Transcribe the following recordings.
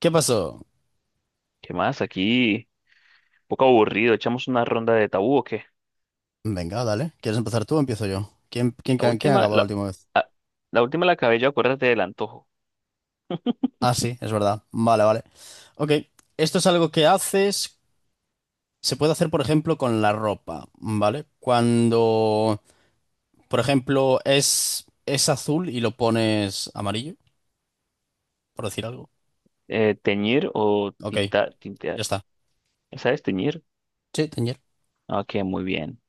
¿Qué pasó? ¿Qué más? Aquí, un poco aburrido. Echamos una ronda de tabú o qué. Venga, dale. ¿Quieres empezar tú o empiezo yo? La ¿Quién última, acabó la la, última vez? ah, la última la acabé yo, acuérdate del antojo. Ah, sí, es verdad. Vale, vale. Ok, esto es algo que haces, se puede hacer, por ejemplo, con la ropa, ¿vale? Cuando, por ejemplo, es azul y lo pones amarillo, por decir algo. Teñir o Ok, tintar, tintear. ya está. ¿Sabes teñir? Sí, teñir. Ok, muy bien.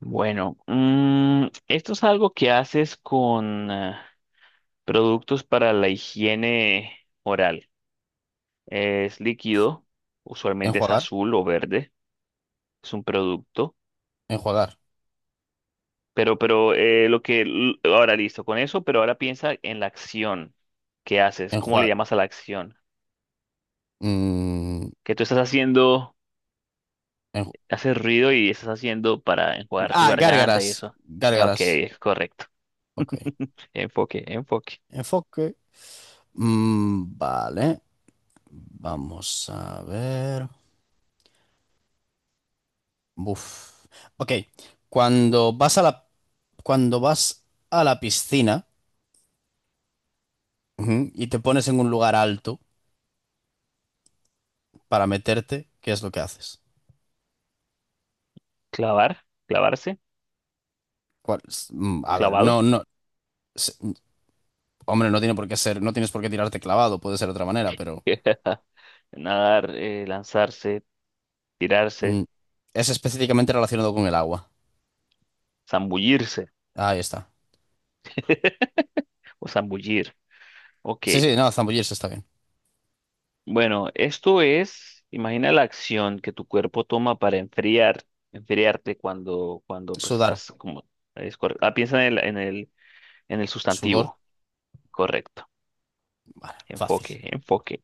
Bueno, esto es algo que haces con productos para la higiene oral. Es líquido, usualmente es Enjuagar, azul o verde. Es un producto. enjuagar, Ahora listo con eso, pero ahora piensa en la acción que haces, ¿cómo le enjuagar. llamas a la acción? Que tú estás haciendo, haces ruido y estás haciendo para enjuagar tu garganta y Gárgaras, eso. Ok, gárgaras. es correcto. Ok. Enfoque, enfoque. Enfoque. Vale. Vamos a ver. Buf. Ok. Cuando vas a la, Cuando vas a la piscina, ujú, y te pones en un lugar alto para meterte, ¿qué es lo que haces? Clavar, clavarse, ¿Cuál es? A ver, clavado. no, no. s- Hombre, no tiene por qué ser, no tienes por qué tirarte clavado, puede ser de otra manera, pero Nadar, lanzarse, tirarse, mm, es específicamente relacionado con el agua. zambullirse Ahí está. o zambullir. Ok. Sí, sí, no, zambullirse está bien. Bueno, esto es, imagina la acción que tu cuerpo toma para enfriar, enfriarte cuando, cuando pues Sudar, estás como, piensa en el, en el sudor, sustantivo, correcto. fácil. Enfoque, enfoque.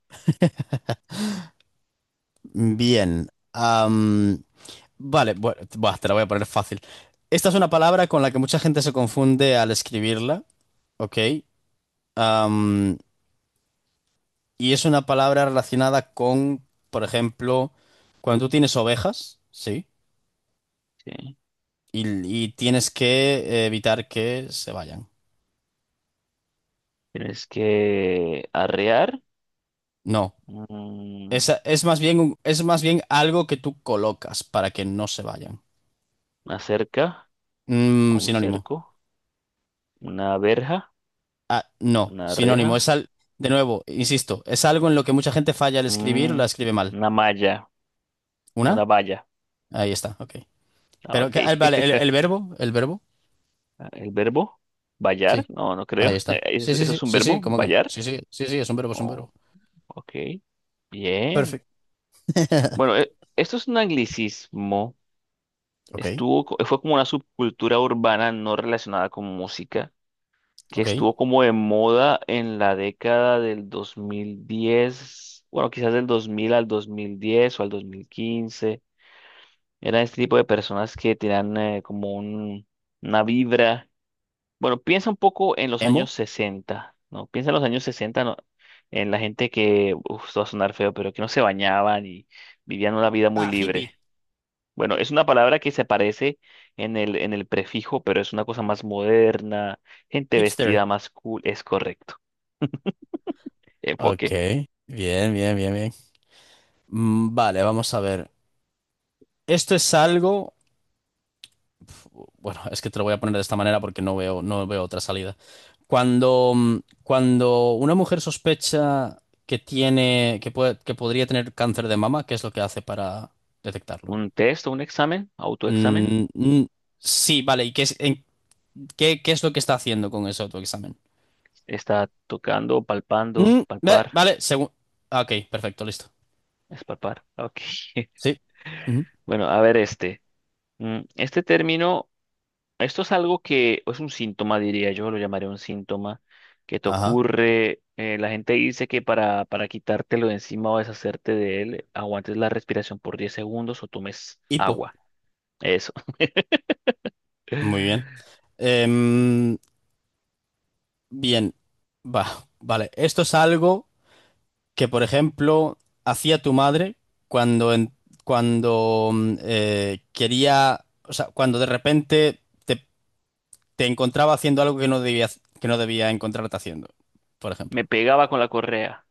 Bien. Vale, bueno, buah, te la voy a poner fácil. Esta es una palabra con la que mucha gente se confunde al escribirla, ¿ok? Am, y es una palabra relacionada con, por ejemplo, cuando tú tienes ovejas, ¿sí? Sí. Y, y tienes que evitar que se vayan. Tienes que arrear, No, mm, esa es más bien, es más bien algo que tú colocas para que no se vayan. una cerca, Mm, o un sinónimo. cerco, una verja, Ah, no, una sinónimo. Es reja, al, de nuevo, insisto, es algo en lo que mucha gente falla al escribir o mm, la escribe mal. una malla, ¿Una? una valla. Ahí está, ok. Ah, Pero, ok. que, ah, vale, el verbo, el verbo. El verbo, vallar, Sí, no, no ahí creo. está. Sí, ¿Eso sí, sí, es un sí, sí, verbo, ¿cómo que no? vallar? Sí, sí, sí, sí, es un verbo, es un Oh, verbo. ok, bien. Perfecto. Bueno, esto es un anglicismo. Ok, Fue como una subcultura urbana no relacionada con música, que ok. estuvo como de moda en la década del 2010, bueno, quizás del 2000 al 2010 o al 2015. Eran este tipo de personas que tenían como una vibra. Bueno, piensa un poco en los años Emo. 60, ¿no? Piensa en los años 60, ¿no? En la gente que, uf, esto va a sonar feo, pero que no se bañaban y vivían una vida muy Ah, libre. hippie, Bueno, es una palabra que se parece en el prefijo, pero es una cosa más moderna, gente hipster. vestida más cool, es correcto. Ok, Enfoque. bien, bien, bien, bien. Vale, vamos a ver. Esto es algo... Uf, bueno, es que te lo voy a poner de esta manera porque no veo, no veo otra salida. Cuando, cuando una mujer sospecha que tiene, que puede, que podría tener cáncer de mama, ¿qué es lo que hace para detectarlo? Un test o un examen, autoexamen, Mm, mm, sí, vale. ¿Y qué es, qué, qué es lo que está haciendo con ese autoexamen? está tocando, palpando, Mm, palpar, vale, según... Ok, perfecto, listo. es palpar, ok. Sí. Ujú. Bueno, a ver este. Este término. Esto es algo que es un síntoma, diría yo, lo llamaría un síntoma que te Ajá. ocurre. La gente dice que para quitártelo de encima o deshacerte de él, aguantes la respiración por 10 segundos o tomes Hipo. agua. Eso. Muy bien. Em, Bien. Vale. Esto es algo que, por ejemplo, hacía tu madre cuando, cuando quería, o sea, cuando de repente te encontraba haciendo algo que no debía encontrarte haciendo, por Me ejemplo. pegaba con la correa.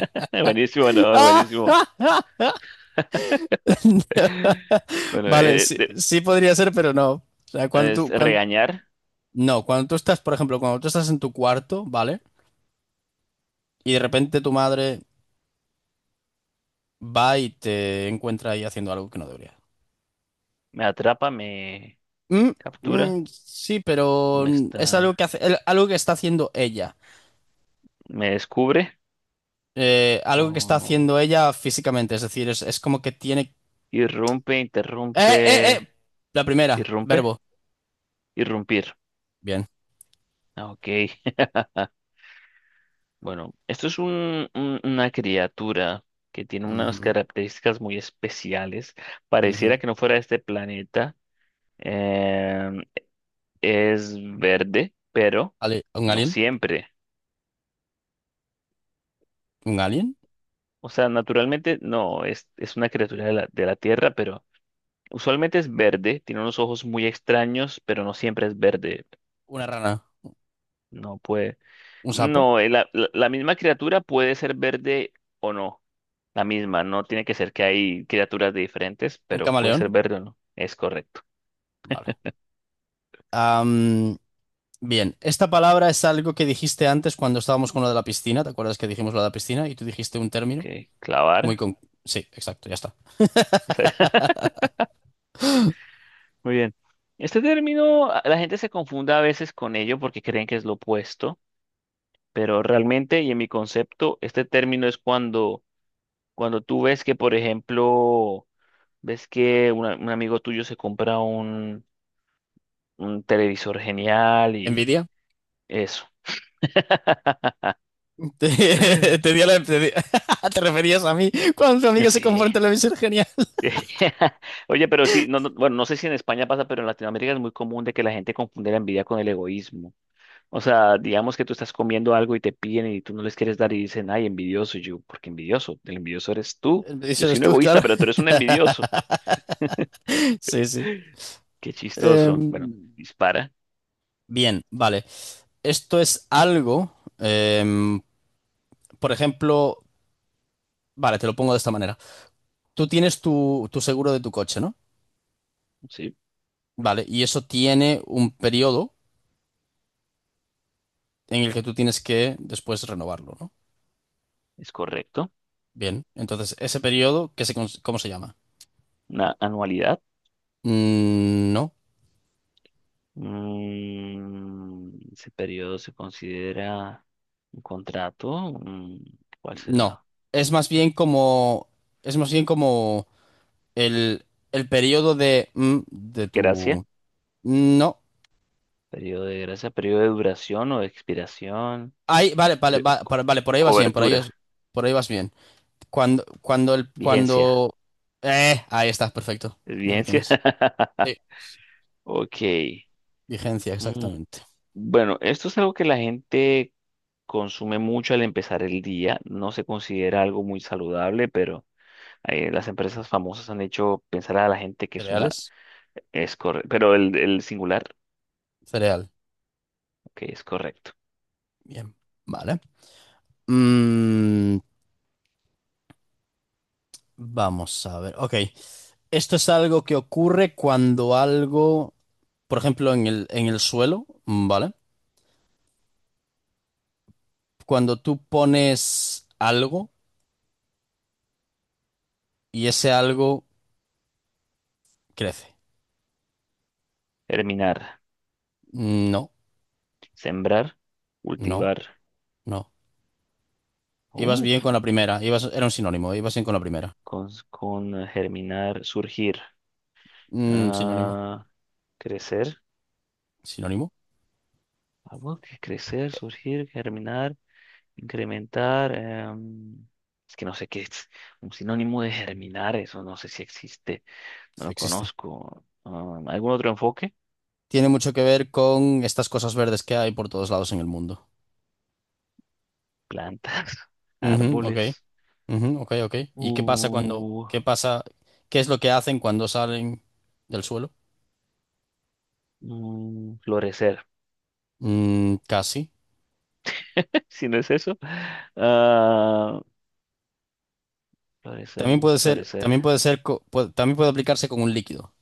Buenísimo, no, buenísimo. Bueno, Vale, sí, sí podría ser, pero no. O sea, es regañar, no, cuando tú estás, por ejemplo, cuando tú estás en tu cuarto, ¿vale? Y de repente tu madre va y te encuentra ahí haciendo algo que no debería. me atrapa, me Mm, captura, mm, sí, pero me es algo está, que hace, algo que está haciendo ella. me descubre Algo que está o haciendo ella físicamente, es decir, es como que tiene... irrumpe, ¡Eh, interrumpe, eh! La primera, irrumpe, verbo. irrumpir. Bien. Ok, bueno, esto es un, una criatura que tiene unas Ujú, características muy especiales. Pareciera ujú. que no fuera de este planeta. Em, es verde, pero ¿Un no alien? siempre. ¿Un alien? O sea, naturalmente no, es una criatura de la Tierra, pero usualmente es verde. Tiene unos ojos muy extraños, pero no siempre es verde. ¿Una rana? No puede. ¿Un sapo? No, la misma criatura puede ser verde o no. La misma, no tiene que ser que hay criaturas de diferentes, ¿Un pero puede camaleón? ser verde o no. Es correcto. Vale. Bien, esta palabra es algo que dijiste antes cuando estábamos con lo de la piscina. ¿Te acuerdas que dijimos lo de la piscina y tú dijiste un Ok, término muy clavar. con... Sí, exacto, ya está. Esa- Muy bien. Este término, la gente se confunda a veces con ello porque creen que es lo opuesto, pero realmente, y en mi concepto, este término es cuando, cuando tú ves que, por ejemplo, ves que un amigo tuyo se compra un televisor genial y ¿Envidia? eso. Te di te referías a mí cuando tu amiga se Sí. confronta en la misoginia. Oye, pero sí, bueno, no sé si en España pasa, pero en Latinoamérica es muy común de que la gente confunde la envidia con el egoísmo. O sea, digamos que tú estás comiendo algo y te piden y tú no les quieres dar y dicen, ay, envidioso. Y yo, ¿por qué envidioso? El envidioso eres tú. Yo Eso soy eres un tú, egoísta, claro. pero tú eres un envidioso. Sí, sí. Qué Em, chistoso. Bueno, dispara, Bien, vale. Esto es algo, em, por ejemplo, vale, te lo pongo de esta manera. Tú tienes tu seguro de tu coche, ¿no? sí, Vale, y eso tiene un periodo en el que tú tienes que después renovarlo, ¿no? es correcto. Bien, entonces ese periodo, ¿cómo se llama? Una anualidad. Mm, no, Ese periodo se considera un contrato. ¿Cuál no. será? Es más bien como, es más bien como el, el periodo de, de Gracias. tu... No. Periodo de gracia, periodo de duración o de expiración. Ahí, vale, vale, Pero- co- vale, por ahí vas bien, Cobertura, por ahí vas bien. Vigencia. Cuando... Ahí está, perfecto, ¿Es ya lo vigencia? tienes. Sí. Ok. Vigencia, Mm, exactamente. Bueno, esto es algo que la gente consume mucho al empezar el día. No se considera algo muy saludable, pero las empresas famosas han hecho pensar a la gente que es una... Cereales, Es correcto. Pero el singular, cereal. ok, es correcto. Bien, vale. Mm, Vamos a ver. Ok. Esto es algo que ocurre cuando algo, por ejemplo, en el suelo, ¿vale? Cuando tú pones algo y ese algo crece. Germinar, Mm, no, sembrar, no, cultivar. no. Ibas bien Uf, con la primera. Ibas, era un sinónimo. Ibas bien con la primera. Con germinar, surgir. Mm, sinónimo. Ah, crecer. Sinónimo. Algo que crecer, surgir, germinar, incrementar. Es que no sé qué es un sinónimo de germinar, eso no sé si existe, no Sí, lo existe. conozco. Ah, ¿algún otro enfoque? Tiene mucho que ver con estas cosas verdes que hay por todos lados en el mundo. Plantas, Ujú, ok. árboles, Ujú, ok, ok. ¿Y qué pasa cuando, uh, qué pasa, ¿Qué es lo que hacen cuando salen del suelo? Florecer. Mm, casi. Si no es eso, ah, florecer También no puede es ser, florecer, también puede ser, también puede aplicarse con un líquido,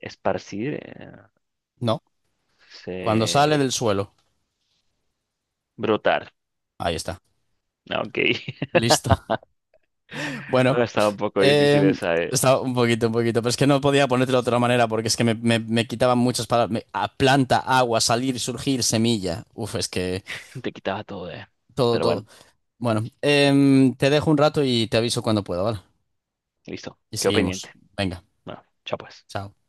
esparcir, ¿no? Cuando sale se- del suelo. brotar. Ahí está. Ah, ok. Listo. Bueno, No, estaba un poco difícil eh, esa, eh. estaba un poquito, pero es que no podía ponértelo de otra manera porque es que me quitaban muchas palabras. A planta, agua, salir, surgir, semilla. Uf, es que Te quitaba todo, eh. todo, Pero todo. bueno, Bueno, te dejo un rato y te aviso cuando pueda, ¿vale? listo. Y Quedó seguimos. pendiente. Venga, Bueno, chao pues. chao.